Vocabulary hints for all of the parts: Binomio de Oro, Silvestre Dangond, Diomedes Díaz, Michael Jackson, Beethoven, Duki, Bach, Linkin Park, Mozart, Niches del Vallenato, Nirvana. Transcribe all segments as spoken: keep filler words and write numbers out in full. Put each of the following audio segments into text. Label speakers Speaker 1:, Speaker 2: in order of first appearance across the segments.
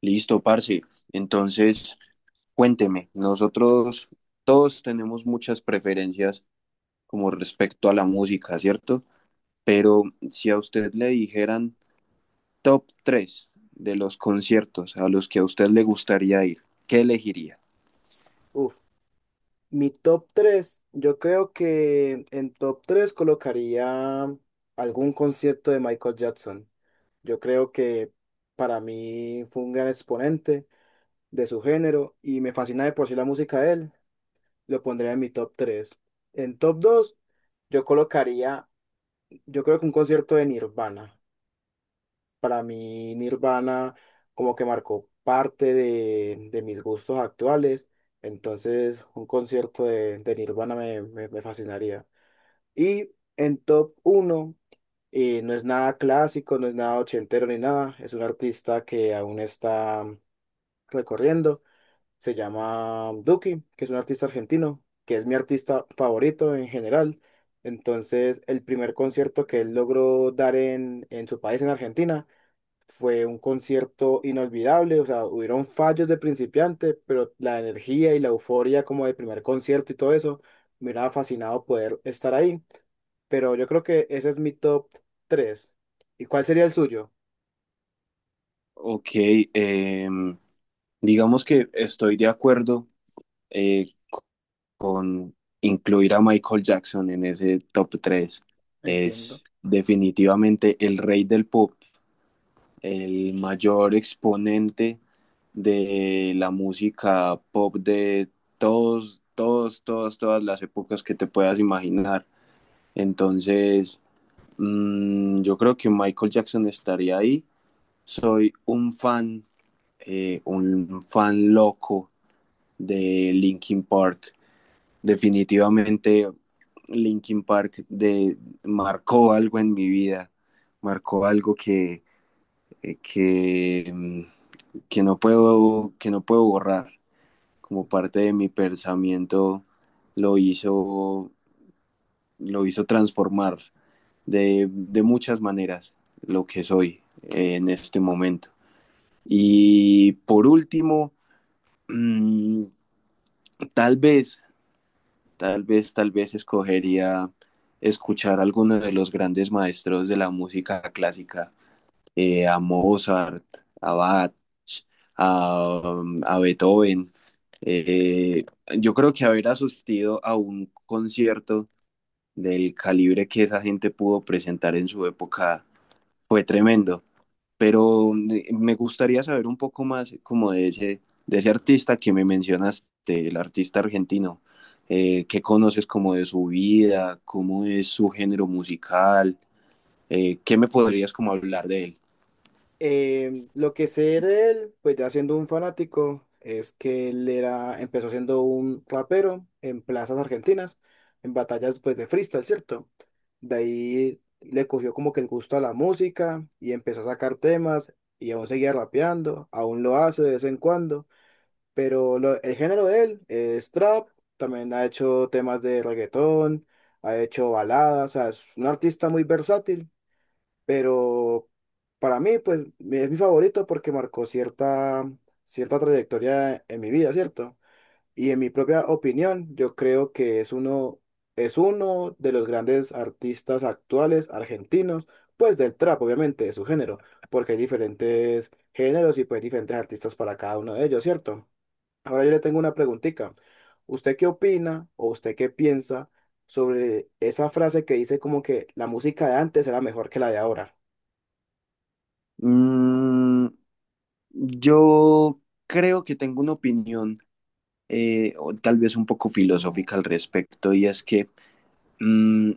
Speaker 1: Listo, parce. Entonces, cuénteme, nosotros todos tenemos muchas preferencias como respecto a la música, ¿cierto? Pero si a usted le dijeran top tres de los conciertos a los que a usted le gustaría ir, ¿qué elegiría?
Speaker 2: Uf, mi top tres, yo creo que en top tres colocaría algún concierto de Michael Jackson. Yo creo que para mí fue un gran exponente de su género y me fascina de por sí la música de él. Lo pondría en mi top tres. En top dos, yo colocaría, yo creo que un concierto de Nirvana. Para mí, Nirvana como que marcó parte de, de mis gustos actuales. Entonces, un concierto de, de Nirvana me, me- me fascinaría. Y en top uno, no es nada clásico, no es nada ochentero ni nada. Es un artista que aún está recorriendo. Se llama Duki, que es un artista argentino, que es mi artista favorito en general. Entonces, el primer concierto que él logró dar en, en su país, en Argentina, fue un concierto inolvidable, o sea, hubieron fallos de principiante, pero la energía y la euforia como del primer concierto y todo eso, me hubiera fascinado poder estar ahí. Pero yo creo que ese es mi top tres. ¿Y cuál sería el suyo?
Speaker 1: Ok, eh, digamos que estoy de acuerdo, eh, con incluir a Michael Jackson en ese top tres.
Speaker 2: Entiendo.
Speaker 1: Es definitivamente el rey del pop, el mayor exponente de la música pop de todos, todos, todas, todas las épocas que te puedas imaginar. Entonces, mmm, yo creo que Michael Jackson estaría ahí. Soy un fan, eh, un fan loco de Linkin Park. Definitivamente Linkin Park de, marcó algo en mi vida, marcó algo que, eh, que mm, que no puedo, que no puedo borrar. Como parte de mi pensamiento lo hizo, lo hizo transformar de, de muchas maneras lo que soy, eh, en este momento. Y por último, mmm, tal vez, tal vez, tal vez escogería escuchar a alguno de los grandes maestros de la música clásica, eh, a Mozart, a Bach, a, um, a Beethoven. Eh, yo creo que haber asistido a un concierto del calibre que esa gente pudo presentar en su época fue tremendo. Pero eh, me gustaría saber un poco más como de ese, de ese artista que me mencionaste, el artista argentino. Eh, ¿qué conoces como de su vida? ¿Cómo es su género musical? Eh, ¿qué me podrías como hablar de él?
Speaker 2: Eh, lo que sé de él, pues ya siendo un fanático, es que él era, empezó siendo un rapero en plazas argentinas, en batallas pues de freestyle, ¿cierto? De ahí le cogió como que el gusto a la música y empezó a sacar temas y aún seguía rapeando, aún lo hace de vez en cuando, pero lo- el género de él es trap, también ha hecho temas de reggaetón, ha hecho baladas, o sea, es un artista muy versátil pero para mí, pues mi- es mi favorito porque marcó cierta, cierta trayectoria en mi vida, ¿cierto? Y en mi propia opinión, yo creo que es uno, es uno de los grandes artistas actuales argentinos, pues del trap, obviamente, de su género, porque hay diferentes géneros y pues diferentes artistas para cada uno de ellos, ¿cierto? Ahora yo le tengo una preguntita. ¿Usted qué opina o usted qué piensa sobre esa frase que dice como que la música de antes era mejor que la de ahora?
Speaker 1: Mm, Yo creo que tengo una opinión, eh, o tal vez un poco filosófica al respecto, y es que mm,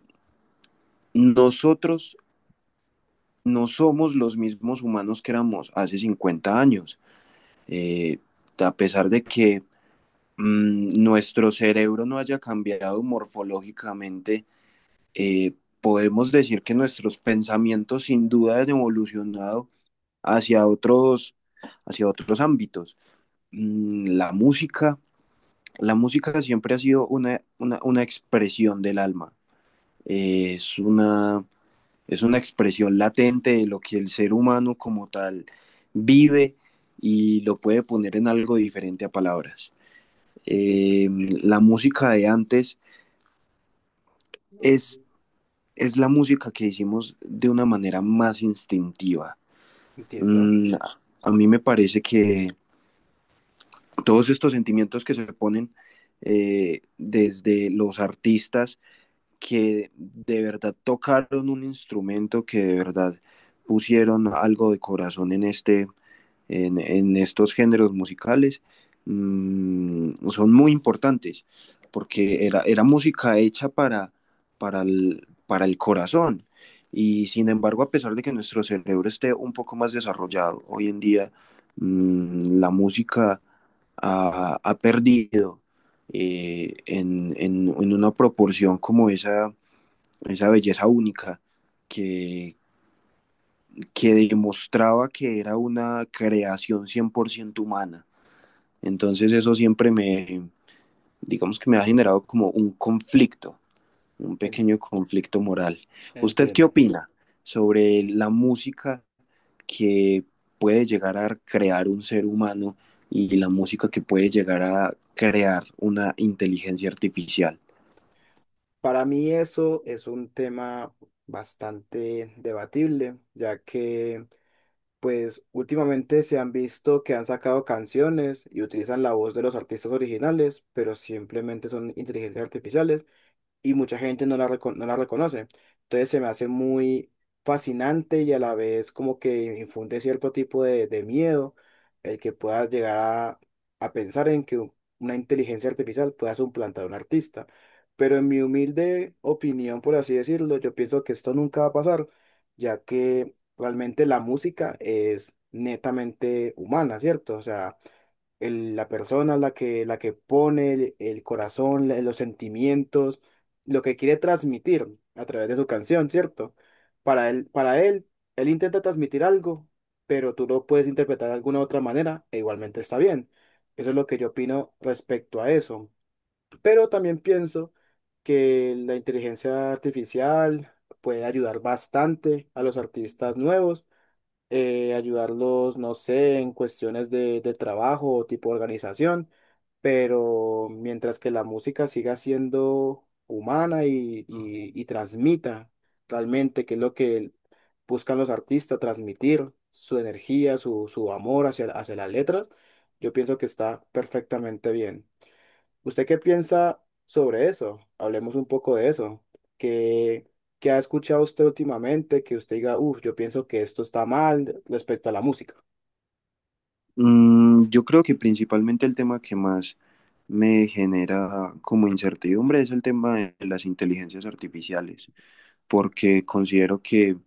Speaker 1: nosotros no somos los mismos humanos que éramos hace cincuenta años. Eh, a pesar de que mm, nuestro cerebro no haya cambiado morfológicamente, eh, podemos decir que nuestros pensamientos sin duda han evolucionado hacia otros, hacia otros ámbitos. Mm, la música la música siempre ha sido una, una, una expresión del alma, eh, es, una, es una expresión latente de lo que el ser humano como tal vive y lo puede poner en algo diferente a palabras.
Speaker 2: Entiendo,
Speaker 1: Eh, la música de antes es, es la música que hicimos de una manera más instintiva.
Speaker 2: entiendo,
Speaker 1: Mm, a mí me parece que todos estos sentimientos que se ponen, eh, desde los artistas que de verdad tocaron un instrumento, que de verdad pusieron algo de corazón en, este, en, en estos géneros musicales, mm, son muy importantes, porque era, era música hecha para, para, el, para el corazón. Y sin embargo, a pesar de que nuestro cerebro esté un poco más desarrollado, hoy en día, mmm, la música ha, ha perdido, eh, en, en, en, una proporción como esa esa belleza única que, que demostraba que era una creación cien por ciento humana. Entonces eso siempre me, digamos que me ha generado como un conflicto, un
Speaker 2: en-
Speaker 1: pequeño conflicto moral. ¿Usted qué
Speaker 2: entiendo.
Speaker 1: opina sobre la música que puede llegar a crear un ser humano y la música que puede llegar a crear una inteligencia artificial?
Speaker 2: Para mí eso es un tema bastante debatible, ya que pues últimamente se han visto que han sacado canciones y utilizan la voz de los artistas originales, pero simplemente son inteligencias artificiales. Y mucha gente no la, reco- no la reconoce. Entonces se me hace muy fascinante y a la vez como que infunde cierto tipo de, de miedo el que puedas llegar a, a pensar en que u- una inteligencia artificial pueda suplantar a un artista. Pero en mi humilde opinión, por así decirlo, yo pienso que esto nunca va a pasar, ya que realmente la música es netamente humana, ¿cierto? O sea, el- la persona, la que, la que pone el, el corazón, la- los sentimientos, lo que quiere transmitir a través de su canción, ¿cierto? Para él, para él, él intenta transmitir algo, pero tú lo puedes interpretar de alguna otra manera e igualmente está bien. Eso es lo que yo opino respecto a eso. Pero también pienso que la inteligencia artificial puede ayudar bastante a los artistas nuevos, eh, ayudarlos, no sé, en cuestiones de, de trabajo o tipo organización, pero mientras que la música siga siendo humana y, y, y transmita realmente qué es lo que buscan los artistas, transmitir su energía, su, su amor hacia, hacia las letras, yo pienso que está perfectamente bien. ¿Usted qué piensa sobre eso? Hablemos un poco de eso. ¿Qué, qué ha escuchado usted últimamente que usted diga, uff, yo pienso que esto está mal respecto a la música?
Speaker 1: Mm, yo creo que principalmente el tema que más me genera como incertidumbre es el tema de las inteligencias artificiales, porque considero que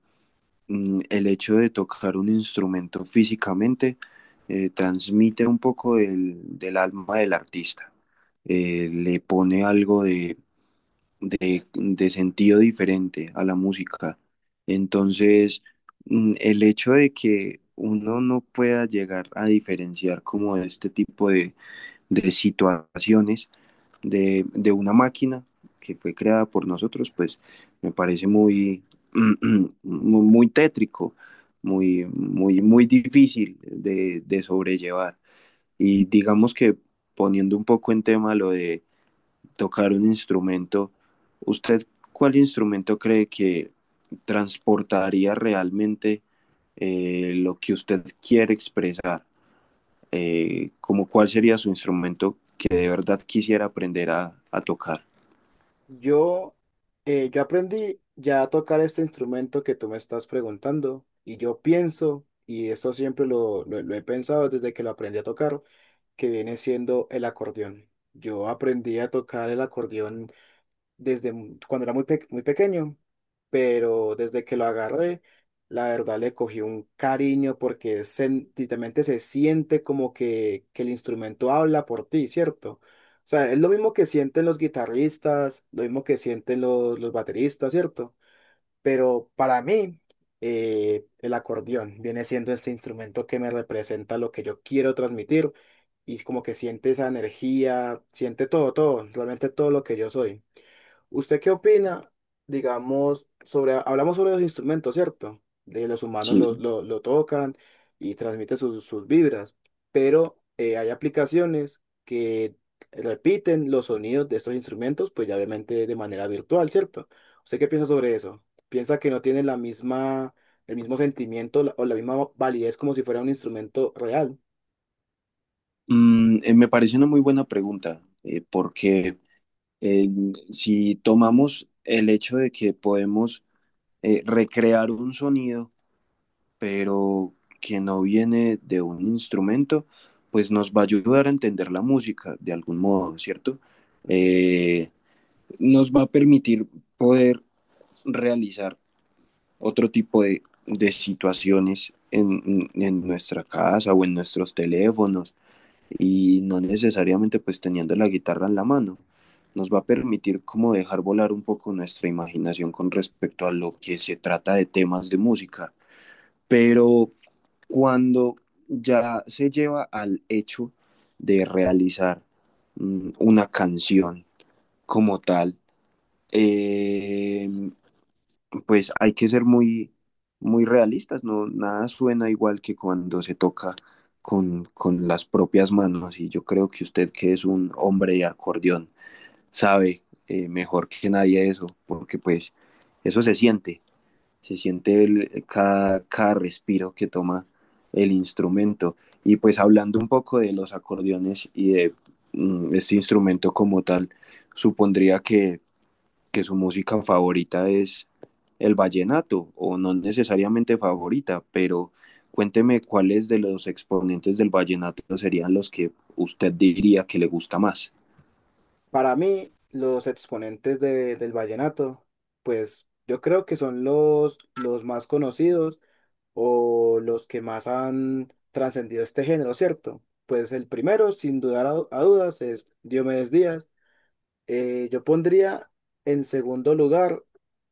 Speaker 1: mm, el hecho de tocar un instrumento físicamente eh, transmite un poco del, del alma del artista, eh, le pone algo de, de- de sentido diferente a la música. Entonces, mm, el hecho de que uno no pueda llegar a diferenciar como este tipo de de situaciones, de, de una máquina que fue creada por nosotros, pues me parece muy, muy tétrico, muy, muy, muy difícil de, de, sobrellevar. Y digamos que poniendo un poco en tema lo de tocar un instrumento, ¿usted cuál instrumento cree que transportaría realmente, eh, lo que usted quiere expresar? eh, como cuál sería su instrumento que de verdad quisiera aprender a, a tocar.
Speaker 2: Yo, eh, yo aprendí ya a tocar este instrumento que tú me estás preguntando y yo pienso, y eso siempre lo, lo lo he pensado desde que lo aprendí a tocar, que viene siendo el acordeón. Yo aprendí a tocar el acordeón desde mu- cuando era muy, pe- muy pequeño, pero desde que lo agarré, la verdad le cogí un cariño porque sen- literalmente se siente como que, que el instrumento habla por ti, ¿cierto? O sea, es lo mismo que sienten los guitarristas, lo mismo que sienten los, los bateristas, ¿cierto? Pero para mí, eh, el acordeón viene siendo este instrumento que me representa lo que yo quiero transmitir y como que siente esa energía, siente todo, todo, realmente todo lo que yo soy. ¿Usted qué opina, digamos, sobre, hablamos sobre los instrumentos, ¿cierto? De los humanos
Speaker 1: Sí.
Speaker 2: lo, lo- lo tocan y transmiten sus, sus vibras, pero eh, hay aplicaciones que repiten los sonidos de estos instrumentos, pues ya obviamente de manera virtual, ¿cierto? ¿Usted qué piensa sobre eso? ¿Piensa que no tiene la misma, el mismo sentimiento la- o la misma validez como si fuera un instrumento real?
Speaker 1: Mm, eh, me parece una muy buena pregunta, eh, porque eh, si tomamos el hecho de que podemos, eh, recrear un sonido, pero que no viene de un instrumento, pues nos va a ayudar a entender la música de algún modo, ¿cierto?
Speaker 2: No entiendo.
Speaker 1: Eh, nos va a permitir poder realizar otro tipo de, de situaciones en, en, nuestra casa o en nuestros teléfonos, y no necesariamente pues teniendo la guitarra en la mano. Nos va a permitir como dejar volar un poco nuestra imaginación con respecto a lo que se trata de temas de música. Pero cuando ya se lleva al hecho de realizar mm, una canción como tal, eh, pues hay que ser muy, muy realistas, no, nada suena igual que cuando se toca con, con las propias manos. Y yo creo que usted, que es un hombre de acordeón, sabe, eh, mejor que nadie eso, porque pues eso se siente, se siente el- eh, cada, cada respiro que toma el instrumento. Y pues hablando un poco de los acordeones y de mm, este instrumento como tal, supondría que que su música favorita es el vallenato, o no necesariamente favorita, pero cuénteme cuáles de los exponentes del vallenato serían los que usted diría que le gusta más.
Speaker 2: Para mí, los exponentes de- del vallenato, pues yo creo que son los, los más conocidos o los que más han trascendido este género, ¿cierto? Pues el primero, sin dudar a, a dudas, es Diomedes Díaz. Eh, yo pondría en segundo lugar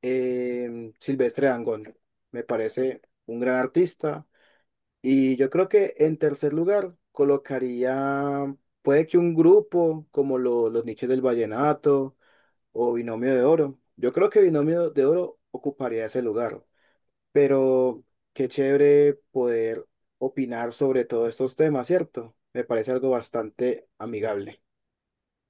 Speaker 2: em, Silvestre Dangond. Me parece un gran artista. Y yo creo que en tercer lugar colocaría, puede que un grupo como lo- los Niches del Vallenato o Binomio de Oro. Yo creo que Binomio de Oro ocuparía ese lugar, pero qué chévere poder opinar sobre todos estos temas, ¿cierto? Me parece algo bastante amigable.